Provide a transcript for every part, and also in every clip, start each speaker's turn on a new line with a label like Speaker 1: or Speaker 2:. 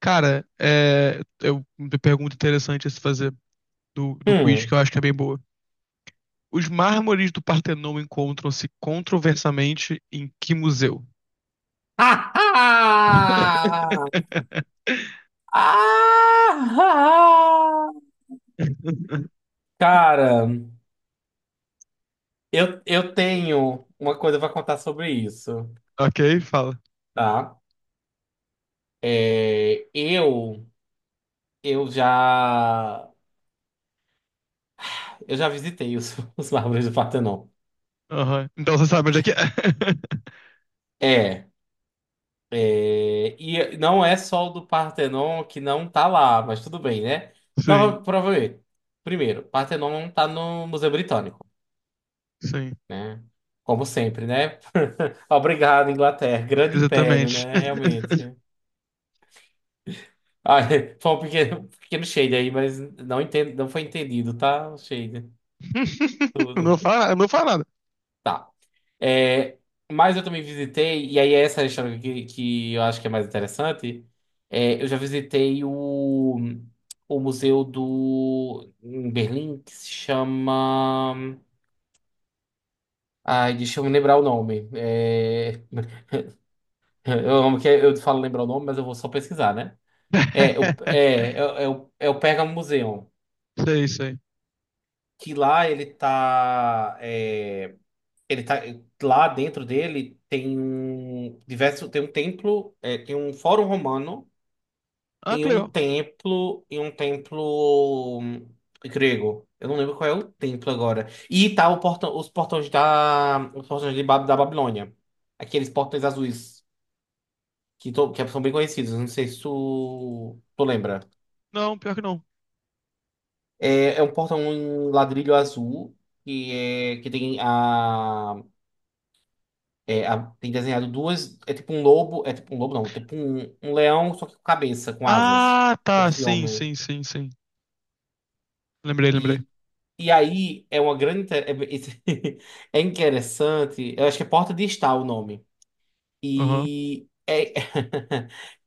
Speaker 1: Cara, uma pergunta interessante a se fazer do quiz, que
Speaker 2: Hum.
Speaker 1: eu acho que é bem boa. Os mármores do Partenon encontram-se controversamente em que museu?
Speaker 2: Ah! Ah! Ah, ah. Cara, eu tenho uma coisa pra contar sobre isso,
Speaker 1: Ok, fala.
Speaker 2: tá? É, eu eu já eu já visitei os, os mármores do Partenon.
Speaker 1: Aham. Então você sabe onde é que é.
Speaker 2: É, e não é só o do Partenon que não tá lá, mas tudo bem, né?
Speaker 1: Sim,
Speaker 2: Nova, provavelmente. Primeiro, Partenon não tá no Museu Britânico,
Speaker 1: sim,
Speaker 2: né? Como sempre, né? Obrigado, Inglaterra. Grande império,
Speaker 1: exatamente.
Speaker 2: né? Realmente. Ah, foi um pequeno, pequeno shade aí, mas não entendo, não foi entendido, tá? O shade.
Speaker 1: Eu
Speaker 2: Tudo.
Speaker 1: Não fala, eu não fala nada.
Speaker 2: Tá. É, mas eu também visitei, e aí essa é a história que eu acho que é mais interessante. Eu já visitei o museu do em Berlim que se chama. Ai, deixa eu me lembrar o nome. Eu amo que eu falo lembrar o nome, mas eu vou só pesquisar, né? É, o, é o é o Pergamon Museum.
Speaker 1: Sei, sei.
Speaker 2: Que lá ele tá. Ele tá. Lá dentro dele tem um diverso. Tem um templo. Tem um fórum romano
Speaker 1: Ah,
Speaker 2: e
Speaker 1: que
Speaker 2: um
Speaker 1: legal.
Speaker 2: templo. E um templo grego. Eu não lembro qual é o templo agora. E tá o portão, os portões da. Os portões de, da Babilônia. Aqueles portões azuis. Que, que são bem conhecidos. Não sei se tu lembra.
Speaker 1: Não, pior que não.
Speaker 2: É um portão em ladrilho azul que tem a, tem desenhado duas é tipo um lobo é tipo um lobo não tipo um, um leão só que com cabeça com asas,
Speaker 1: Ah, tá,
Speaker 2: cabeça de
Speaker 1: sim,
Speaker 2: homem.
Speaker 1: sim, sim, sim. Lembrei, lembrei.
Speaker 2: E e aí é uma grande inte- é, É interessante, eu acho que é porta de estar o nome
Speaker 1: Aham.
Speaker 2: e é,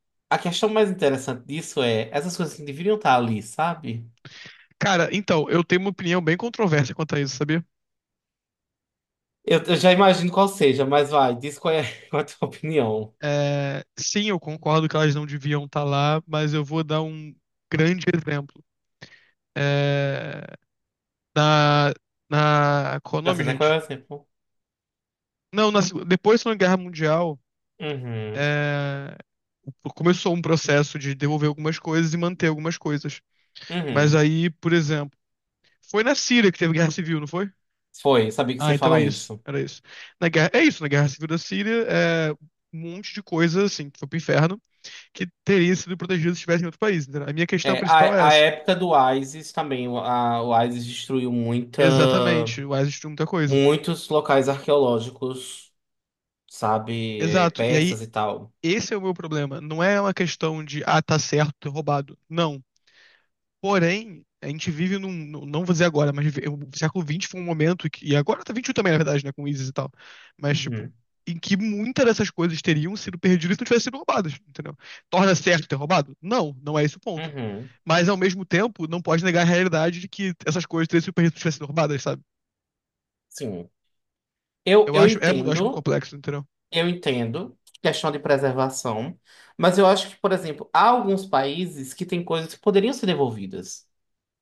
Speaker 2: a questão mais interessante disso é essas coisas que deveriam estar ali, sabe?
Speaker 1: Cara, então, eu tenho uma opinião bem controversa quanto a isso, sabia?
Speaker 2: Eu já imagino qual seja, mas vai, diz qual é, qual é a tua opinião?
Speaker 1: É, sim, eu concordo que elas não deviam estar lá, mas eu vou dar um grande exemplo. É, na, qual é o
Speaker 2: Já sei
Speaker 1: nome,
Speaker 2: até qual é o
Speaker 1: gente?
Speaker 2: exemplo.
Speaker 1: Não, depois da Segunda Guerra Mundial,
Speaker 2: Uhum,
Speaker 1: é, começou um processo de devolver algumas coisas e manter algumas coisas. Mas
Speaker 2: uhum.
Speaker 1: aí, por exemplo, foi na Síria que teve guerra civil, não foi?
Speaker 2: Foi, sabia que
Speaker 1: Ah,
Speaker 2: você
Speaker 1: então é
Speaker 2: fala
Speaker 1: isso,
Speaker 2: isso.
Speaker 1: era isso. Na guerra, é isso, na Guerra Civil da Síria, um monte de coisa, assim, que foi pro inferno, que teria sido protegido se estivesse em outro país. Entendeu? A minha questão
Speaker 2: É,
Speaker 1: principal é
Speaker 2: a
Speaker 1: essa.
Speaker 2: época do ISIS também, o ISIS destruiu muita,
Speaker 1: Exatamente, o Isis de muita coisa.
Speaker 2: muitos locais arqueológicos, sabe, é,
Speaker 1: Exato. E aí,
Speaker 2: persas e tal.
Speaker 1: esse é o meu problema. Não é uma questão de, ah, tá certo ter roubado. Não. Porém, a gente vive não vou dizer agora, mas o século XX foi um momento, e agora tá 21 também, na verdade, né, com o ISIS e tal. Mas, tipo,
Speaker 2: Uhum,
Speaker 1: em que muitas dessas coisas teriam sido perdidas se não tivessem sido roubadas, entendeu? Torna certo ter roubado? Não, não é esse o ponto.
Speaker 2: uhum,
Speaker 1: Mas, ao mesmo tempo, não pode negar a realidade de que essas coisas teriam sido perdidas se não tivessem sido roubadas, sabe?
Speaker 2: sim. Eu,
Speaker 1: Eu
Speaker 2: eu
Speaker 1: acho, é, mu- eu acho muito
Speaker 2: entendo,
Speaker 1: complexo, entendeu?
Speaker 2: eu entendo, questão de preservação, mas eu acho que, por exemplo, há alguns países que têm coisas que poderiam ser devolvidas.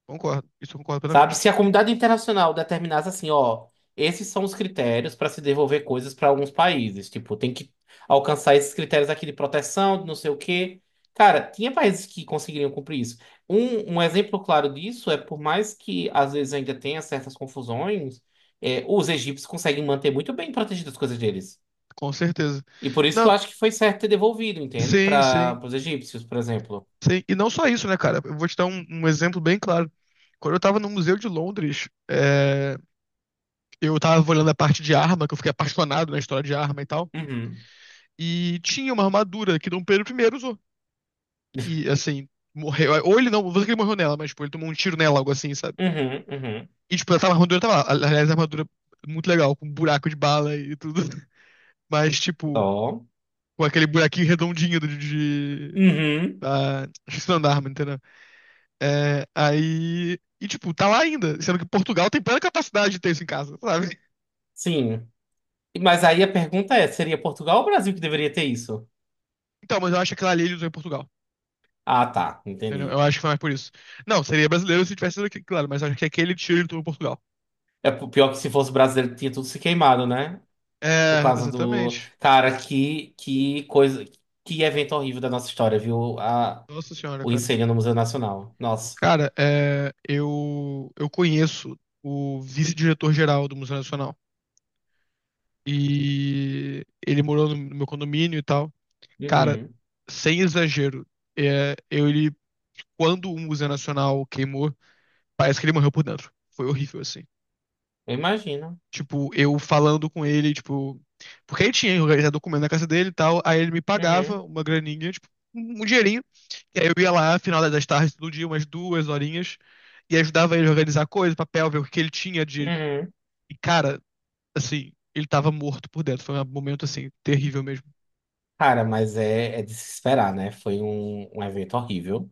Speaker 1: Concordo. Isso eu concordo
Speaker 2: Sabe?
Speaker 1: plenamente.
Speaker 2: Se a comunidade internacional determinasse assim, ó, esses são os critérios para se devolver coisas para alguns países, tipo, tem que alcançar esses critérios aqui de proteção, de não sei o quê. Cara, tinha países que conseguiriam cumprir isso. Um exemplo claro disso é, por mais que às vezes ainda tenha certas confusões, é, os egípcios conseguem manter muito bem protegidas as coisas deles.
Speaker 1: Com certeza.
Speaker 2: E por isso que
Speaker 1: Não,
Speaker 2: eu acho que foi certo ter devolvido, entende?
Speaker 1: sim, sim,
Speaker 2: Para os egípcios, por exemplo.
Speaker 1: sim. E não só isso, né, cara? Eu vou te dar um exemplo bem claro. Quando eu tava no Museu de Londres, eu tava olhando a parte de arma, que eu fiquei apaixonado na história de arma e tal.
Speaker 2: Uhum,
Speaker 1: E tinha uma armadura que Dom Pedro primeiro usou. E, assim, morreu. Ou ele não sei que ele morreu nela, mas, tipo, ele tomou um tiro nela, algo assim, sabe?
Speaker 2: uhum, uhum.
Speaker 1: E, tipo, a armadura tava lá. Aliás, a armadura é muito legal, com um buraco de bala e tudo. Mas, tipo,
Speaker 2: Ó.
Speaker 1: com aquele buraquinho redondinho de
Speaker 2: Uhum.
Speaker 1: Esqueci o nome da arma, entendeu? É, aí. E, tipo, tá lá ainda. Sendo que Portugal tem plena capacidade de ter isso em casa, sabe?
Speaker 2: Sim. Mas aí a pergunta é, seria Portugal ou Brasil que deveria ter isso?
Speaker 1: Então, mas eu acho que aquela ali ele usou em Portugal.
Speaker 2: Ah, tá,
Speaker 1: Entendeu? Eu
Speaker 2: entendi.
Speaker 1: acho que foi mais por isso. Não, seria brasileiro se tivesse sido aqui, claro, mas eu acho que aquele tiro ele tomou em Portugal.
Speaker 2: É pior que se fosse brasileiro tinha tudo se queimado, né? Por
Speaker 1: É,
Speaker 2: causa do
Speaker 1: exatamente.
Speaker 2: cara que evento horrível da nossa história, viu? A
Speaker 1: Nossa senhora,
Speaker 2: O
Speaker 1: cara.
Speaker 2: incêndio no Museu Nacional. Nossa.
Speaker 1: Cara, eu conheço o vice-diretor-geral do Museu Nacional. E ele morou no meu condomínio e tal. Cara,
Speaker 2: Uhum.
Speaker 1: sem exagero, é, eu, ele, quando o Museu Nacional queimou, parece que ele morreu por dentro. Foi horrível, assim.
Speaker 2: Eu imagino.
Speaker 1: Tipo, eu falando com ele, tipo. Porque ele tinha organizado documento na casa dele e tal. Aí ele me pagava
Speaker 2: Uhum.
Speaker 1: uma graninha, tipo, um dinheirinho. E aí eu ia lá, final das tardes, todo dia, umas duas horinhas. E ajudava ele a organizar coisas, papel, ver o que ele tinha de.
Speaker 2: Uhum.
Speaker 1: E, cara, assim, ele tava morto por dentro. Foi um momento, assim, terrível mesmo.
Speaker 2: Cara, mas é, é de se esperar, né? Foi um evento horrível.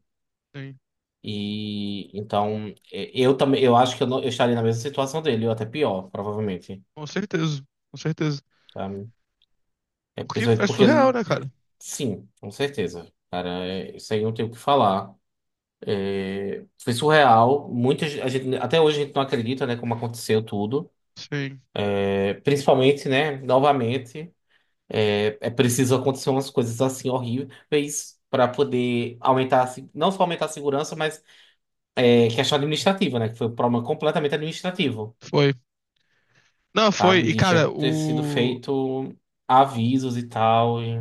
Speaker 1: Sim.
Speaker 2: E então, eu também, eu acho que eu, não, eu estaria na mesma situação dele, ou até pior, provavelmente.
Speaker 1: Com certeza, com certeza.
Speaker 2: Tá? É,
Speaker 1: Porque é
Speaker 2: principalmente porque
Speaker 1: surreal,
Speaker 2: ele.
Speaker 1: né, cara?
Speaker 2: Sim, com certeza. Cara, é, isso aí não tem o que falar. Foi surreal. Muitas a gente, até hoje a gente não acredita, né, como aconteceu tudo.
Speaker 1: Sim,
Speaker 2: É, principalmente, né, novamente, é, é preciso acontecer umas coisas assim horríveis para poder aumentar, a se- não só aumentar a segurança, mas é, questão administrativa, né, que foi um problema completamente administrativo,
Speaker 1: foi. Não, foi.
Speaker 2: sabe?
Speaker 1: E,
Speaker 2: De já
Speaker 1: cara,
Speaker 2: ter sido
Speaker 1: o.
Speaker 2: feito avisos e tal.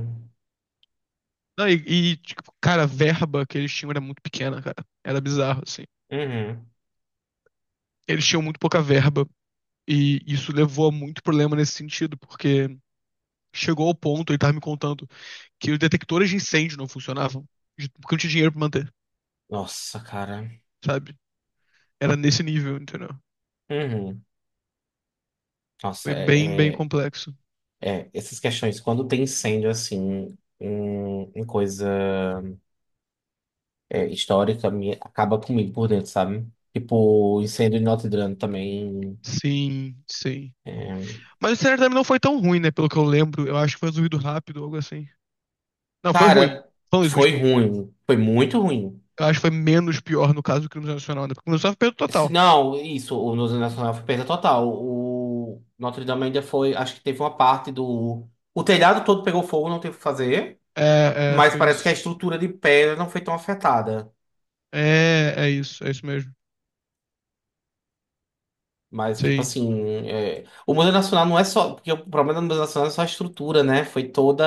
Speaker 1: Não, tipo, cara, a verba que eles tinham era muito pequena, cara. Era bizarro, assim.
Speaker 2: Uhum.
Speaker 1: Eles tinham muito pouca verba. E isso levou a muito problema nesse sentido, porque chegou ao ponto, ele tava me contando, que os detectores de incêndio não funcionavam, porque não tinha dinheiro pra manter,
Speaker 2: Nossa, cara.
Speaker 1: sabe? Era nesse nível, entendeu?
Speaker 2: Uhum. Nossa,
Speaker 1: Foi bem, bem complexo.
Speaker 2: é, essas questões, quando tem incêndio, assim, em, em coisa é, histórica, me, acaba comigo por dentro, sabe? Tipo, incêndio em Notre Dame também.
Speaker 1: Sim, sim.
Speaker 2: é.
Speaker 1: Mas o cenário também não foi tão ruim, né? Pelo que eu lembro, eu acho que foi resolvido rápido, algo assim. Não, foi ruim.
Speaker 2: Cara,
Speaker 1: Falando isso, mas,
Speaker 2: foi
Speaker 1: tipo,
Speaker 2: ruim. Foi muito ruim.
Speaker 1: eu acho que foi menos pior no caso do crime nacional, né? Porque começou a perda
Speaker 2: Se
Speaker 1: total.
Speaker 2: não, isso, o Museu Nacional foi perda total. O Notre Dame ainda foi, acho que teve uma parte do... O telhado todo pegou fogo, não teve o que fazer.
Speaker 1: É, é,
Speaker 2: Mas
Speaker 1: foi
Speaker 2: parece
Speaker 1: isso.
Speaker 2: que a estrutura de pedra não foi tão afetada.
Speaker 1: É, é isso mesmo.
Speaker 2: Mas, tipo
Speaker 1: Sim.
Speaker 2: assim, é, o Museu Nacional não é só. Porque o problema do Museu Nacional é só a estrutura, né? Foi toda.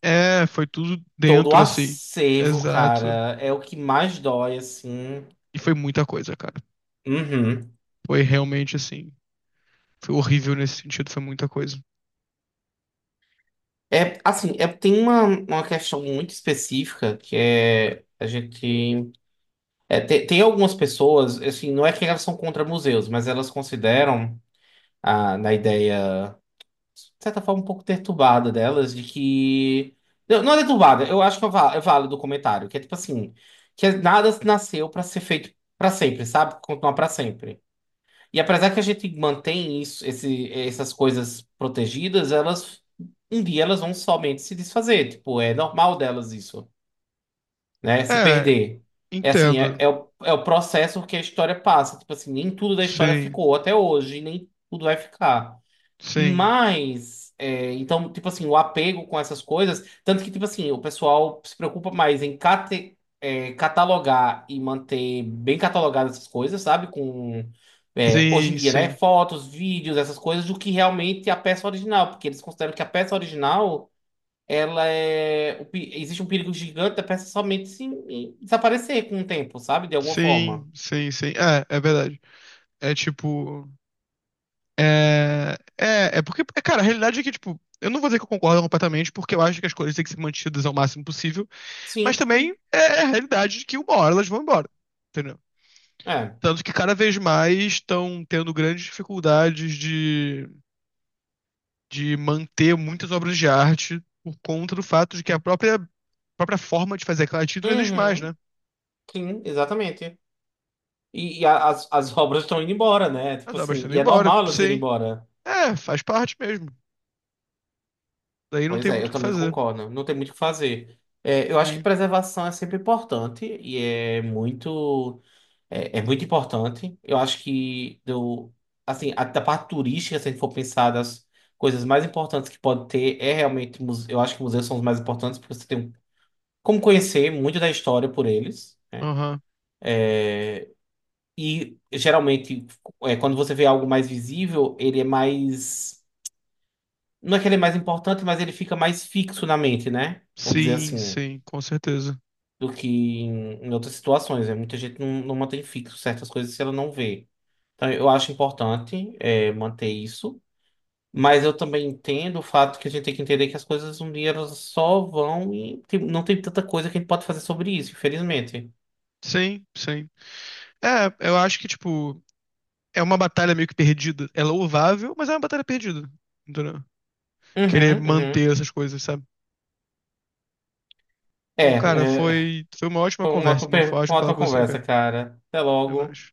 Speaker 1: É, foi tudo
Speaker 2: Todo o
Speaker 1: dentro, assim.
Speaker 2: acervo,
Speaker 1: Exato.
Speaker 2: cara. É o que mais dói, assim.
Speaker 1: E foi muita coisa, cara.
Speaker 2: Uhum.
Speaker 1: Foi realmente assim. Foi horrível nesse sentido, foi muita coisa.
Speaker 2: É, assim, é, tem uma questão muito específica que é. A gente. É, tem, tem algumas pessoas, assim, não é que elas são contra museus, mas elas consideram, ah, na ideia. Certa forma, um pouco perturbada delas, de que. Não, não é perturbada, eu acho que é é válido o comentário, que é tipo assim, que é, nada nasceu pra ser feito pra sempre, sabe? Continuar pra sempre. E apesar que a gente mantém isso, esse, essas coisas protegidas, elas um dia elas vão somente se desfazer. Tipo, é normal delas isso, né? Se
Speaker 1: É,
Speaker 2: perder. É assim, é,
Speaker 1: entendo.
Speaker 2: é o, é o processo que a história passa. Tipo assim, nem tudo da história
Speaker 1: Sim,
Speaker 2: ficou até hoje, nem tudo vai ficar.
Speaker 1: sim.
Speaker 2: Mas, é, então, tipo assim, o apego com essas coisas, tanto que, tipo assim, o pessoal se preocupa mais em é, catalogar e manter bem catalogadas essas coisas, sabe? Com, é, hoje em
Speaker 1: Sim,
Speaker 2: dia, né?
Speaker 1: sim.
Speaker 2: Fotos, vídeos, essas coisas, do que realmente a peça original, porque eles consideram que a peça original, ela é. Existe um perigo gigante da peça somente se em- desaparecer com o tempo, sabe? De alguma forma.
Speaker 1: Sim, sim, sim. É, é verdade. É tipo. É, é porque, cara, a realidade é que, tipo, eu não vou dizer que eu concordo completamente, porque eu acho que as coisas têm que ser mantidas ao máximo possível. Mas
Speaker 2: Sim,
Speaker 1: também
Speaker 2: sim.
Speaker 1: é a realidade de que uma hora elas vão embora, entendeu?
Speaker 2: É.
Speaker 1: Tanto que cada vez mais estão tendo grandes dificuldades de manter muitas obras de arte por conta do fato de que a própria forma de fazer aquela arte não existe mais,
Speaker 2: Uhum.
Speaker 1: né?
Speaker 2: Sim, exatamente. As, as obras estão indo embora, né?
Speaker 1: As
Speaker 2: Tipo
Speaker 1: obras
Speaker 2: assim,
Speaker 1: estão
Speaker 2: e
Speaker 1: indo
Speaker 2: é
Speaker 1: embora,
Speaker 2: normal elas irem
Speaker 1: sim.
Speaker 2: embora.
Speaker 1: É, faz parte mesmo. Daí não
Speaker 2: Pois
Speaker 1: tem
Speaker 2: é,
Speaker 1: muito
Speaker 2: eu
Speaker 1: o que
Speaker 2: também
Speaker 1: fazer.
Speaker 2: concordo. Não tem muito o que fazer. É, eu acho que
Speaker 1: Sim,
Speaker 2: preservação é sempre importante e é muito, é muito importante. Eu acho que do, assim, a, da parte turística, se a gente for pensar das coisas mais importantes que pode ter, é realmente, eu acho que museus são os mais importantes porque você tem como conhecer muito da história por eles, né?
Speaker 1: aham.
Speaker 2: E geralmente, é, quando você vê algo mais visível, ele é mais. Não é que ele é mais importante, mas ele fica mais fixo na mente, né? Vamos dizer
Speaker 1: Sim,
Speaker 2: assim,
Speaker 1: sim, com certeza.
Speaker 2: do que em, em outras situações. Né? Muita gente não, não mantém fixo certas coisas se ela não vê. Então, eu acho importante é, manter isso, mas eu também entendo o fato que a gente tem que entender que as coisas um dia elas só vão e não tem tanta coisa que a gente pode fazer sobre isso, infelizmente.
Speaker 1: Sim, sim. É, eu acho que, tipo, é uma batalha meio que perdida. É louvável, mas é uma batalha perdida. Entendeu? Querer
Speaker 2: Uhum, uhum.
Speaker 1: manter essas coisas, sabe? Bom, cara,
Speaker 2: É, é,
Speaker 1: foi uma ótima
Speaker 2: foi uma ótima,
Speaker 1: conversa, mano. Foi
Speaker 2: uma
Speaker 1: ótimo falar
Speaker 2: ótima
Speaker 1: com você,
Speaker 2: conversa,
Speaker 1: cara.
Speaker 2: cara. Até
Speaker 1: Até
Speaker 2: logo.
Speaker 1: mais.